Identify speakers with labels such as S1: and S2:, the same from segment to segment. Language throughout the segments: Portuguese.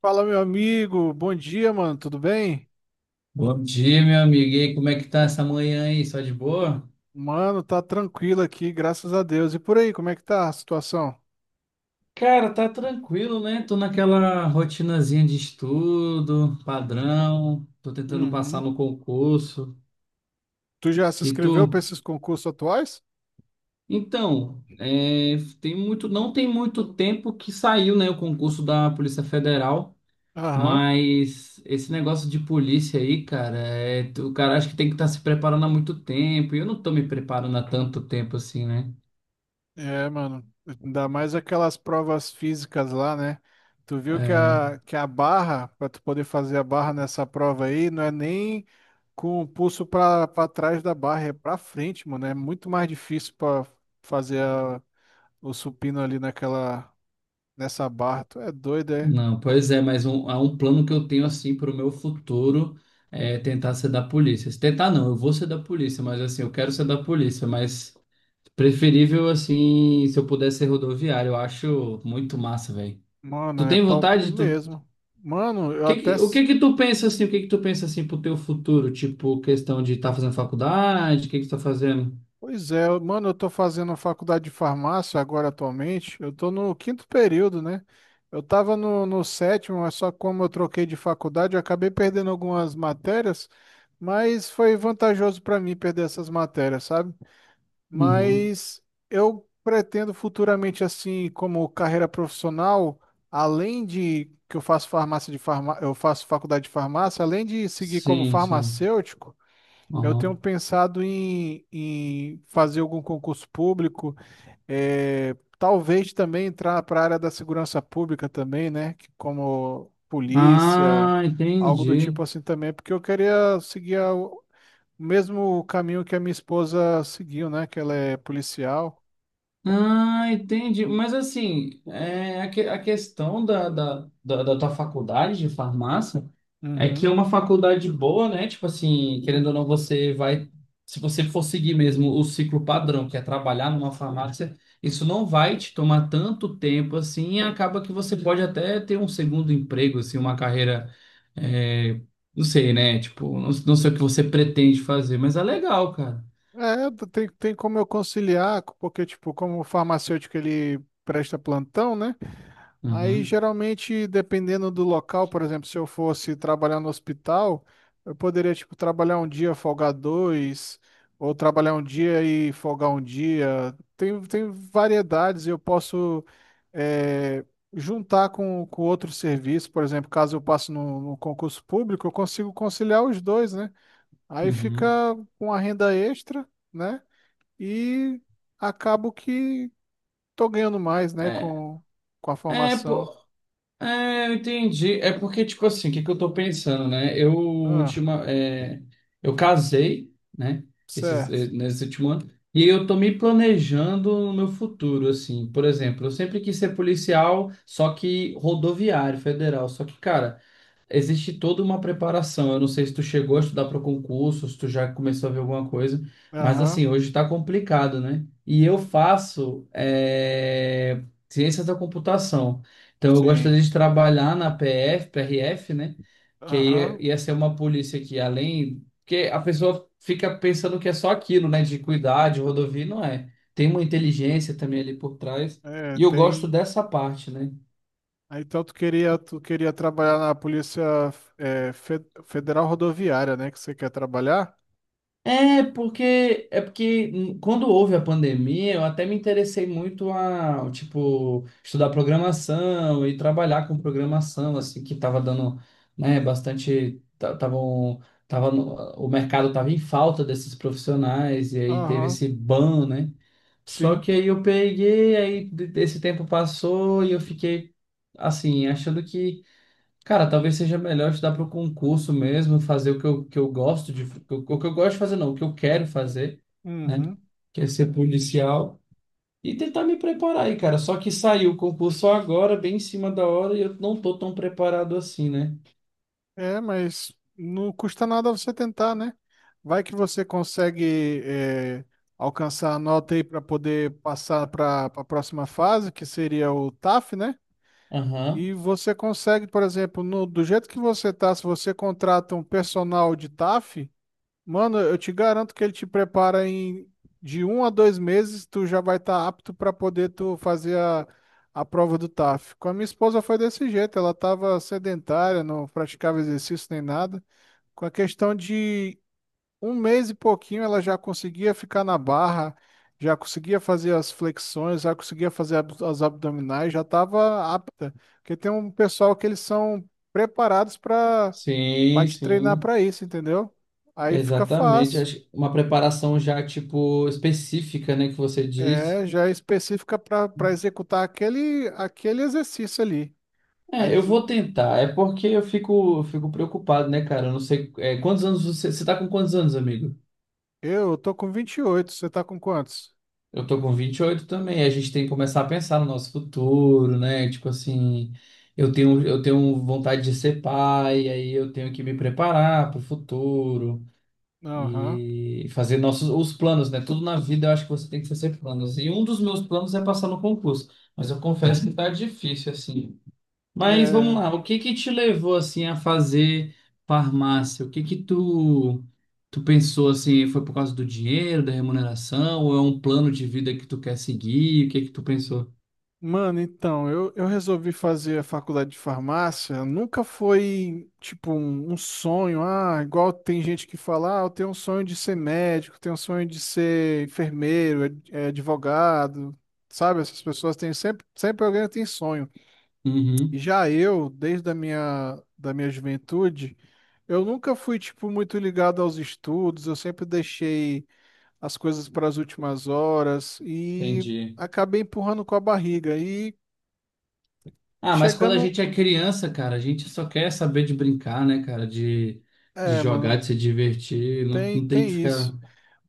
S1: Fala, meu amigo. Bom dia, mano. Tudo bem?
S2: Bom dia, meu amigo. E aí, como é que tá essa manhã aí? Só de boa?
S1: Mano, tá tranquilo aqui, graças a Deus. E por aí, como é que tá a situação?
S2: Cara, tá tranquilo, né? Tô naquela rotinazinha de estudo, padrão. Tô tentando passar
S1: Uhum.
S2: no concurso.
S1: Tu já se
S2: E
S1: inscreveu
S2: tu?
S1: pra esses concursos atuais?
S2: Então, é, não tem muito tempo que saiu, né, o concurso da Polícia Federal,
S1: Aham.
S2: mas esse negócio de polícia aí, cara, é, o cara acha que tem que estar se preparando há muito tempo. E eu não tô me preparando há tanto tempo assim, né?
S1: É, mano. Ainda mais aquelas provas físicas lá, né? Tu viu que
S2: É.
S1: a barra, pra tu poder fazer a barra nessa prova aí, não é nem com o pulso pra trás da barra, é pra frente, mano. É muito mais difícil pra fazer o supino ali naquela, nessa barra. Tu é doido, é?
S2: Não, pois é, mas há um plano que eu tenho assim para o meu futuro é tentar ser da polícia. Se tentar não, eu vou ser da polícia, mas assim, eu quero ser da polícia, mas preferível assim, se eu puder ser rodoviário, eu acho muito massa, velho.
S1: Mano,
S2: Tu
S1: é
S2: tem
S1: top
S2: vontade? O
S1: mesmo. Mano, eu
S2: que
S1: até.
S2: que, o que que tu pensa assim? O que que tu pensa assim pro teu futuro? Tipo, questão de estar fazendo faculdade, o que que tu tá fazendo?
S1: Pois é, mano, eu tô fazendo faculdade de farmácia agora atualmente. Eu tô no quinto período, né? Eu tava no sétimo, mas só como eu troquei de faculdade, eu acabei perdendo algumas matérias, mas foi vantajoso pra mim perder essas matérias, sabe?
S2: Uhum.
S1: Mas eu pretendo futuramente, assim, como carreira profissional, além de que eu faço faculdade de farmácia, além de seguir como
S2: Sim, sim.
S1: farmacêutico. Eu tenho
S2: Uhum.
S1: pensado em fazer algum concurso público, talvez também entrar para a área da segurança pública também, né? que Como polícia,
S2: Ah,
S1: algo do
S2: entendi.
S1: tipo assim também, porque eu queria seguir o mesmo caminho que a minha esposa seguiu, né? Que ela é policial.
S2: Ah, entendi. Mas assim, é, a questão da tua faculdade de farmácia é que é
S1: Uhum.
S2: uma faculdade boa, né? Tipo assim, querendo ou não, você vai. Se você for seguir mesmo o ciclo padrão, que é trabalhar numa farmácia, isso não vai te tomar tanto tempo assim, e acaba que você pode até ter um segundo emprego, assim, uma carreira. é, não sei, né? Tipo, não, não sei o que você pretende fazer, mas é legal, cara.
S1: É, tem como eu conciliar, porque, tipo, como o farmacêutico ele presta plantão, né? Aí,
S2: Uhum,
S1: geralmente, dependendo do local, por exemplo, se eu fosse trabalhar no hospital, eu poderia, tipo, trabalhar um dia, folgar dois, ou trabalhar um dia e folgar um dia. Tem variedades, e eu posso eh, juntar com outro serviço, por exemplo, caso eu passe no concurso público, eu consigo conciliar os dois, né? Aí fica
S2: uhum.
S1: com a renda extra, né? E acabo que tô ganhando mais, né,
S2: É,
S1: com a
S2: é,
S1: formação.
S2: pô. É, eu entendi. É porque, tipo assim, o que que eu tô pensando, né?
S1: Ah.
S2: Eu casei, né?
S1: Certo.
S2: Nesse último ano. E eu tô me planejando no meu futuro, assim. Por exemplo, eu sempre quis ser policial, só que rodoviário, federal. Só que, cara, existe toda uma preparação. Eu não sei se tu chegou a estudar para concurso, se tu já começou a ver alguma coisa, mas assim,
S1: Aham.
S2: hoje está complicado, né? E eu faço ciências da computação. Então eu
S1: Sim.
S2: gostaria de trabalhar na PF, PRF, né? Que aí
S1: Aham.
S2: ia ser uma polícia que além. Porque a pessoa fica pensando que é só aquilo, né? De cuidar de rodovia, não é. Tem uma inteligência também ali por trás.
S1: É,
S2: E eu gosto
S1: tem.
S2: dessa parte, né?
S1: Aí, então tu queria trabalhar na Polícia Federal Rodoviária, né? Que você quer trabalhar?
S2: É porque quando houve a pandemia, eu até me interessei muito a, tipo, estudar programação e trabalhar com programação, assim, que estava dando, né, bastante, ta- tavam, tava no- o mercado tava em falta desses profissionais e aí teve
S1: Aham.
S2: esse ban, né? Só
S1: Sim.
S2: que aí eu peguei, esse tempo passou e eu fiquei assim, achando que cara, talvez seja melhor estudar para o concurso mesmo, fazer o que eu gosto de, o que eu gosto de fazer, não, o que eu quero fazer, né?
S1: Uhum.
S2: Que é ser policial e tentar me preparar aí, cara. Só que saiu o concurso agora, bem em cima da hora, e eu não tô tão preparado assim, né?
S1: É, mas não custa nada você tentar, né? Vai que você consegue alcançar a nota aí para poder passar para a próxima fase, que seria o TAF, né?
S2: Aham.
S1: E você consegue, por exemplo, do jeito que você tá, se você contrata um personal de TAF, mano, eu te garanto que ele te prepara de 1 a 2 meses, tu já vai estar apto para poder tu fazer a prova do TAF. Com a minha esposa foi desse jeito, ela estava sedentária, não praticava exercício nem nada. Com a questão de um mês e pouquinho, ela já conseguia ficar na barra, já conseguia fazer as flexões, já conseguia fazer as abdominais, já estava apta. Porque tem um pessoal que eles são preparados para
S2: Sim,
S1: te treinar
S2: sim.
S1: para isso, entendeu? Aí fica
S2: Exatamente.
S1: fácil.
S2: Acho que uma preparação já, tipo, específica, né, que você
S1: É,
S2: disse.
S1: já é específica para executar aquele exercício ali. Aí
S2: É, eu
S1: eles,
S2: vou tentar. É porque eu fico preocupado, né, cara? Eu não sei, quantos anos você. Você tá com quantos anos, amigo?
S1: eu tô com 28. Você tá com quantos?
S2: Eu tô com 28 também. A gente tem que começar a pensar no nosso futuro, né? Tipo assim, eu tenho vontade de ser pai, aí eu tenho que me preparar pro futuro
S1: Aham.
S2: e fazer nossos os planos, né? Tudo na vida eu acho que você tem que fazer planos. E um dos meus planos é passar no concurso, mas eu confesso que tá difícil assim. Mas vamos
S1: É.
S2: lá, o que que te levou assim a fazer farmácia? O que que tu pensou assim, foi por causa do dinheiro, da remuneração, ou é um plano de vida que tu quer seguir? O que que tu pensou?
S1: Mano, então, eu resolvi fazer a faculdade de farmácia. Nunca foi, tipo, um sonho. Ah, igual tem gente que fala, ah, eu tenho um sonho de ser médico, tenho um sonho de ser enfermeiro, advogado. Sabe, essas pessoas têm sempre, sempre alguém tem sonho. E
S2: Uhum,
S1: já eu, desde a minha, da minha juventude, eu nunca fui, tipo, muito ligado aos estudos. Eu sempre deixei as coisas para as últimas horas e
S2: entendi.
S1: acabei empurrando com a barriga. E
S2: Ah, mas quando a
S1: chegando.
S2: gente é criança, cara, a gente só quer saber de brincar, né, cara, de
S1: É,
S2: jogar,
S1: mano,
S2: de se divertir, não,
S1: tem,
S2: não tem que
S1: tem isso.
S2: ficar.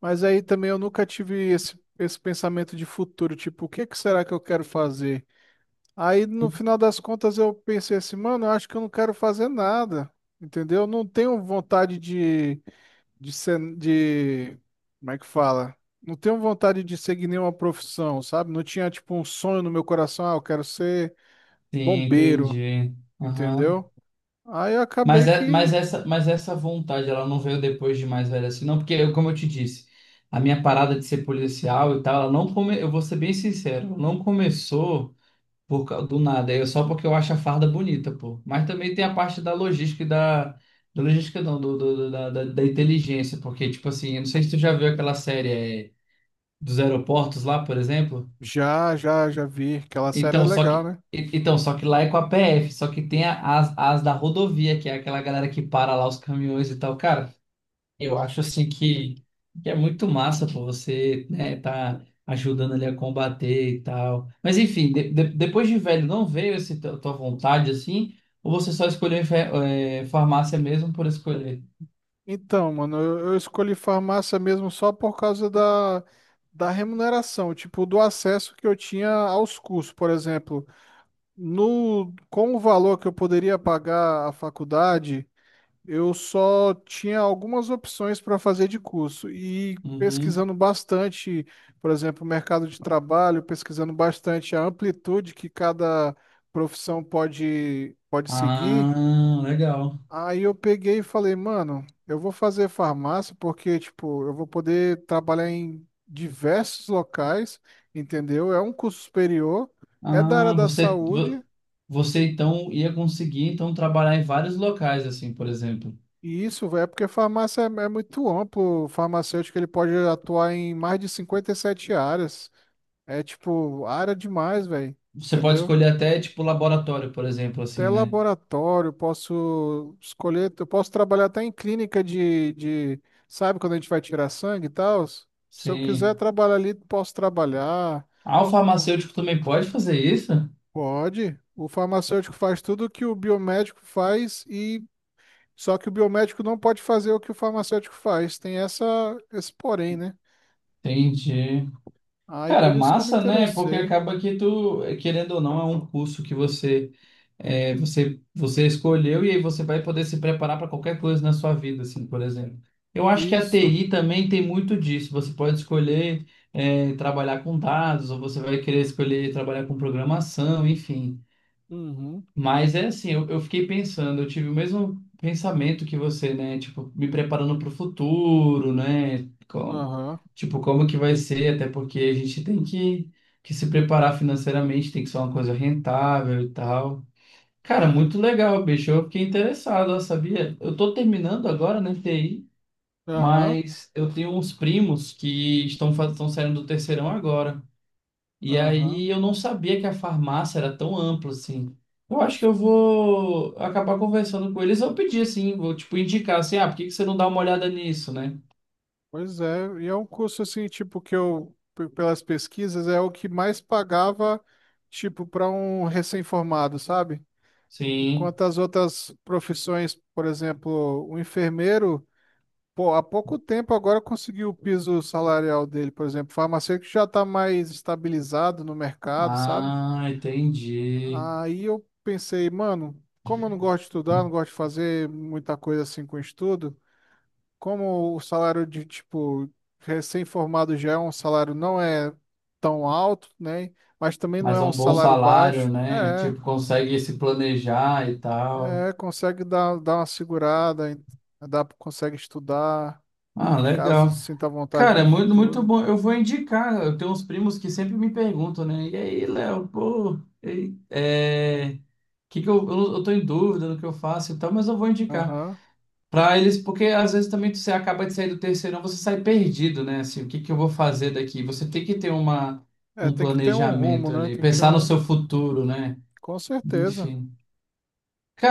S1: Mas aí também eu nunca tive esse pensamento de futuro, tipo, o que que será que eu quero fazer? Aí no final das contas eu pensei assim, mano, eu acho que eu não quero fazer nada, entendeu? Eu não tenho vontade de ser, como é que fala? Não tenho vontade de seguir nenhuma profissão, sabe? Não tinha, tipo, um sonho no meu coração, ah, eu quero ser
S2: Sim,
S1: bombeiro,
S2: entendi. Aham.
S1: entendeu? Aí eu
S2: Mas,
S1: acabei
S2: é, mas,
S1: que
S2: essa, mas essa vontade, ela não veio depois de mais velho assim, não, porque, eu, como eu te disse, a minha parada de ser policial e tal, ela não come, eu vou ser bem sincero, ela não começou do nada, é só porque eu acho a farda bonita, pô. Mas também tem a parte da logística e da. Da logística não, da inteligência, porque, tipo assim, eu não sei se tu já viu aquela série é, dos aeroportos lá, por exemplo.
S1: já, já, já vi, aquela série é legal, né?
S2: Então, só que lá é com a PF, só que tem as da rodovia, que é aquela galera que para lá os caminhões e tal. Cara, eu acho assim que é muito massa pô, você, né, tá ajudando ele a combater e tal. Mas enfim, depois de velho, não veio essa tua vontade assim? Ou você só escolheu farmácia mesmo por escolher?
S1: Então, mano, eu escolhi farmácia mesmo só por causa da remuneração, tipo, do acesso que eu tinha aos cursos, por exemplo. No, Com o valor que eu poderia pagar à faculdade, eu só tinha algumas opções para fazer de curso. E
S2: Uhum.
S1: pesquisando bastante, por exemplo, o mercado de trabalho, pesquisando bastante a amplitude que cada profissão pode seguir.
S2: Ah, legal.
S1: Aí eu peguei e falei, mano, eu vou fazer farmácia porque, tipo, eu vou poder trabalhar em diversos locais, entendeu? É um curso superior, é da área
S2: Ah,
S1: da
S2: você, vo-
S1: saúde,
S2: você então ia conseguir então trabalhar em vários locais assim, por exemplo.
S1: e isso, velho, é porque farmácia é muito amplo. O farmacêutico, ele pode atuar em mais de 57 áreas. É, tipo, área demais, velho,
S2: Você pode
S1: entendeu?
S2: escolher até tipo laboratório, por exemplo,
S1: Até
S2: assim, né?
S1: laboratório, posso escolher, eu posso trabalhar até em clínica sabe, quando a gente vai tirar sangue e tal? Se eu quiser
S2: Sim.
S1: trabalhar ali, posso trabalhar.
S2: Ah, o farmacêutico também pode fazer isso?
S1: Pode. O farmacêutico faz tudo o que o biomédico faz e só que o biomédico não pode fazer o que o farmacêutico faz. Tem essa esse porém, né?
S2: Entendi.
S1: Aí
S2: Cara,
S1: por isso que eu me
S2: massa, né? Porque
S1: interessei.
S2: acaba que tu, querendo ou não, é um curso que você, é, você escolheu e aí você vai poder se preparar para qualquer coisa na sua vida, assim, por exemplo. Eu acho que a
S1: Isso.
S2: TI também tem muito disso. Você pode escolher, trabalhar com dados, ou você vai querer escolher trabalhar com programação, enfim.
S1: Uhum.
S2: Mas é assim, eu fiquei pensando, eu tive o mesmo pensamento que você, né? Tipo, me preparando para o futuro, né? Como,
S1: Aham.
S2: tipo, como que vai ser, até porque a gente tem que se preparar financeiramente, tem que ser uma coisa rentável e tal. Cara,
S1: É.
S2: muito legal, bicho. Eu fiquei interessado, ó, sabia? Eu tô terminando agora, né, TI,
S1: Aham.
S2: mas eu tenho uns primos que estão saindo do terceirão agora. E
S1: Aham.
S2: aí eu não sabia que a farmácia era tão ampla assim. Eu acho que eu vou acabar conversando com eles. Eu pedi assim, vou tipo indicar assim, ah, por que que você não dá uma olhada nisso, né?
S1: Pois é, e é um curso assim, tipo, que eu, pelas pesquisas, é o que mais pagava, tipo, para um recém-formado, sabe?
S2: Sim.
S1: Enquanto as outras profissões, por exemplo, o enfermeiro, pô, há pouco tempo agora conseguiu o piso salarial dele, por exemplo, o farmacêutico já está mais estabilizado no mercado, sabe?
S2: Ah, entendi.
S1: Aí eu pensei, mano, como eu não gosto de estudar, não gosto de fazer muita coisa assim com estudo, como o salário de, tipo, recém-formado já é um salário não é tão alto, né? Mas também não
S2: Mas
S1: é
S2: é
S1: um
S2: um bom
S1: salário
S2: salário,
S1: baixo.
S2: né? Tipo, consegue se planejar e tal.
S1: Consegue dar uma segurada, dá, consegue estudar,
S2: Ah,
S1: caso
S2: legal.
S1: sinta vontade
S2: Cara, é
S1: no
S2: muito, muito
S1: futuro.
S2: bom. Eu vou indicar. Eu tenho uns primos que sempre me perguntam, né? E aí, Léo, pô, e aí? Que eu tô em dúvida no que eu faço e tal, mas eu vou indicar
S1: Aham.
S2: pra eles, porque às vezes também você acaba de sair do terceirão, você sai perdido, né? Assim, o que que eu vou fazer daqui? Você tem que ter uma,
S1: É,
S2: um
S1: tem que ter um rumo,
S2: planejamento
S1: né?
S2: ali,
S1: Tem que ter
S2: pensar no
S1: um.
S2: seu futuro, né?
S1: Com certeza.
S2: Enfim.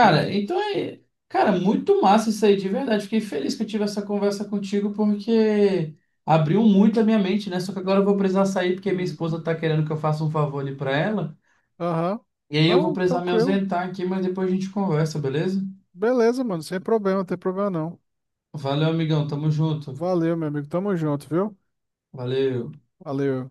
S1: Tem que.
S2: então é. Cara, muito massa isso aí, de verdade. Fiquei feliz que eu tive essa conversa contigo, porque abriu muito a minha mente, né? Só que agora eu vou precisar sair, porque minha
S1: Uhum.
S2: esposa tá querendo que eu faça um favor ali pra ela.
S1: Aham.
S2: E aí eu vou
S1: Não,
S2: precisar me
S1: tranquilo.
S2: ausentar aqui, mas depois a gente conversa, beleza?
S1: Beleza, mano. Sem problema, não tem problema não.
S2: Valeu, amigão. Tamo junto.
S1: Valeu, meu amigo. Tamo junto, viu?
S2: Valeu.
S1: Valeu.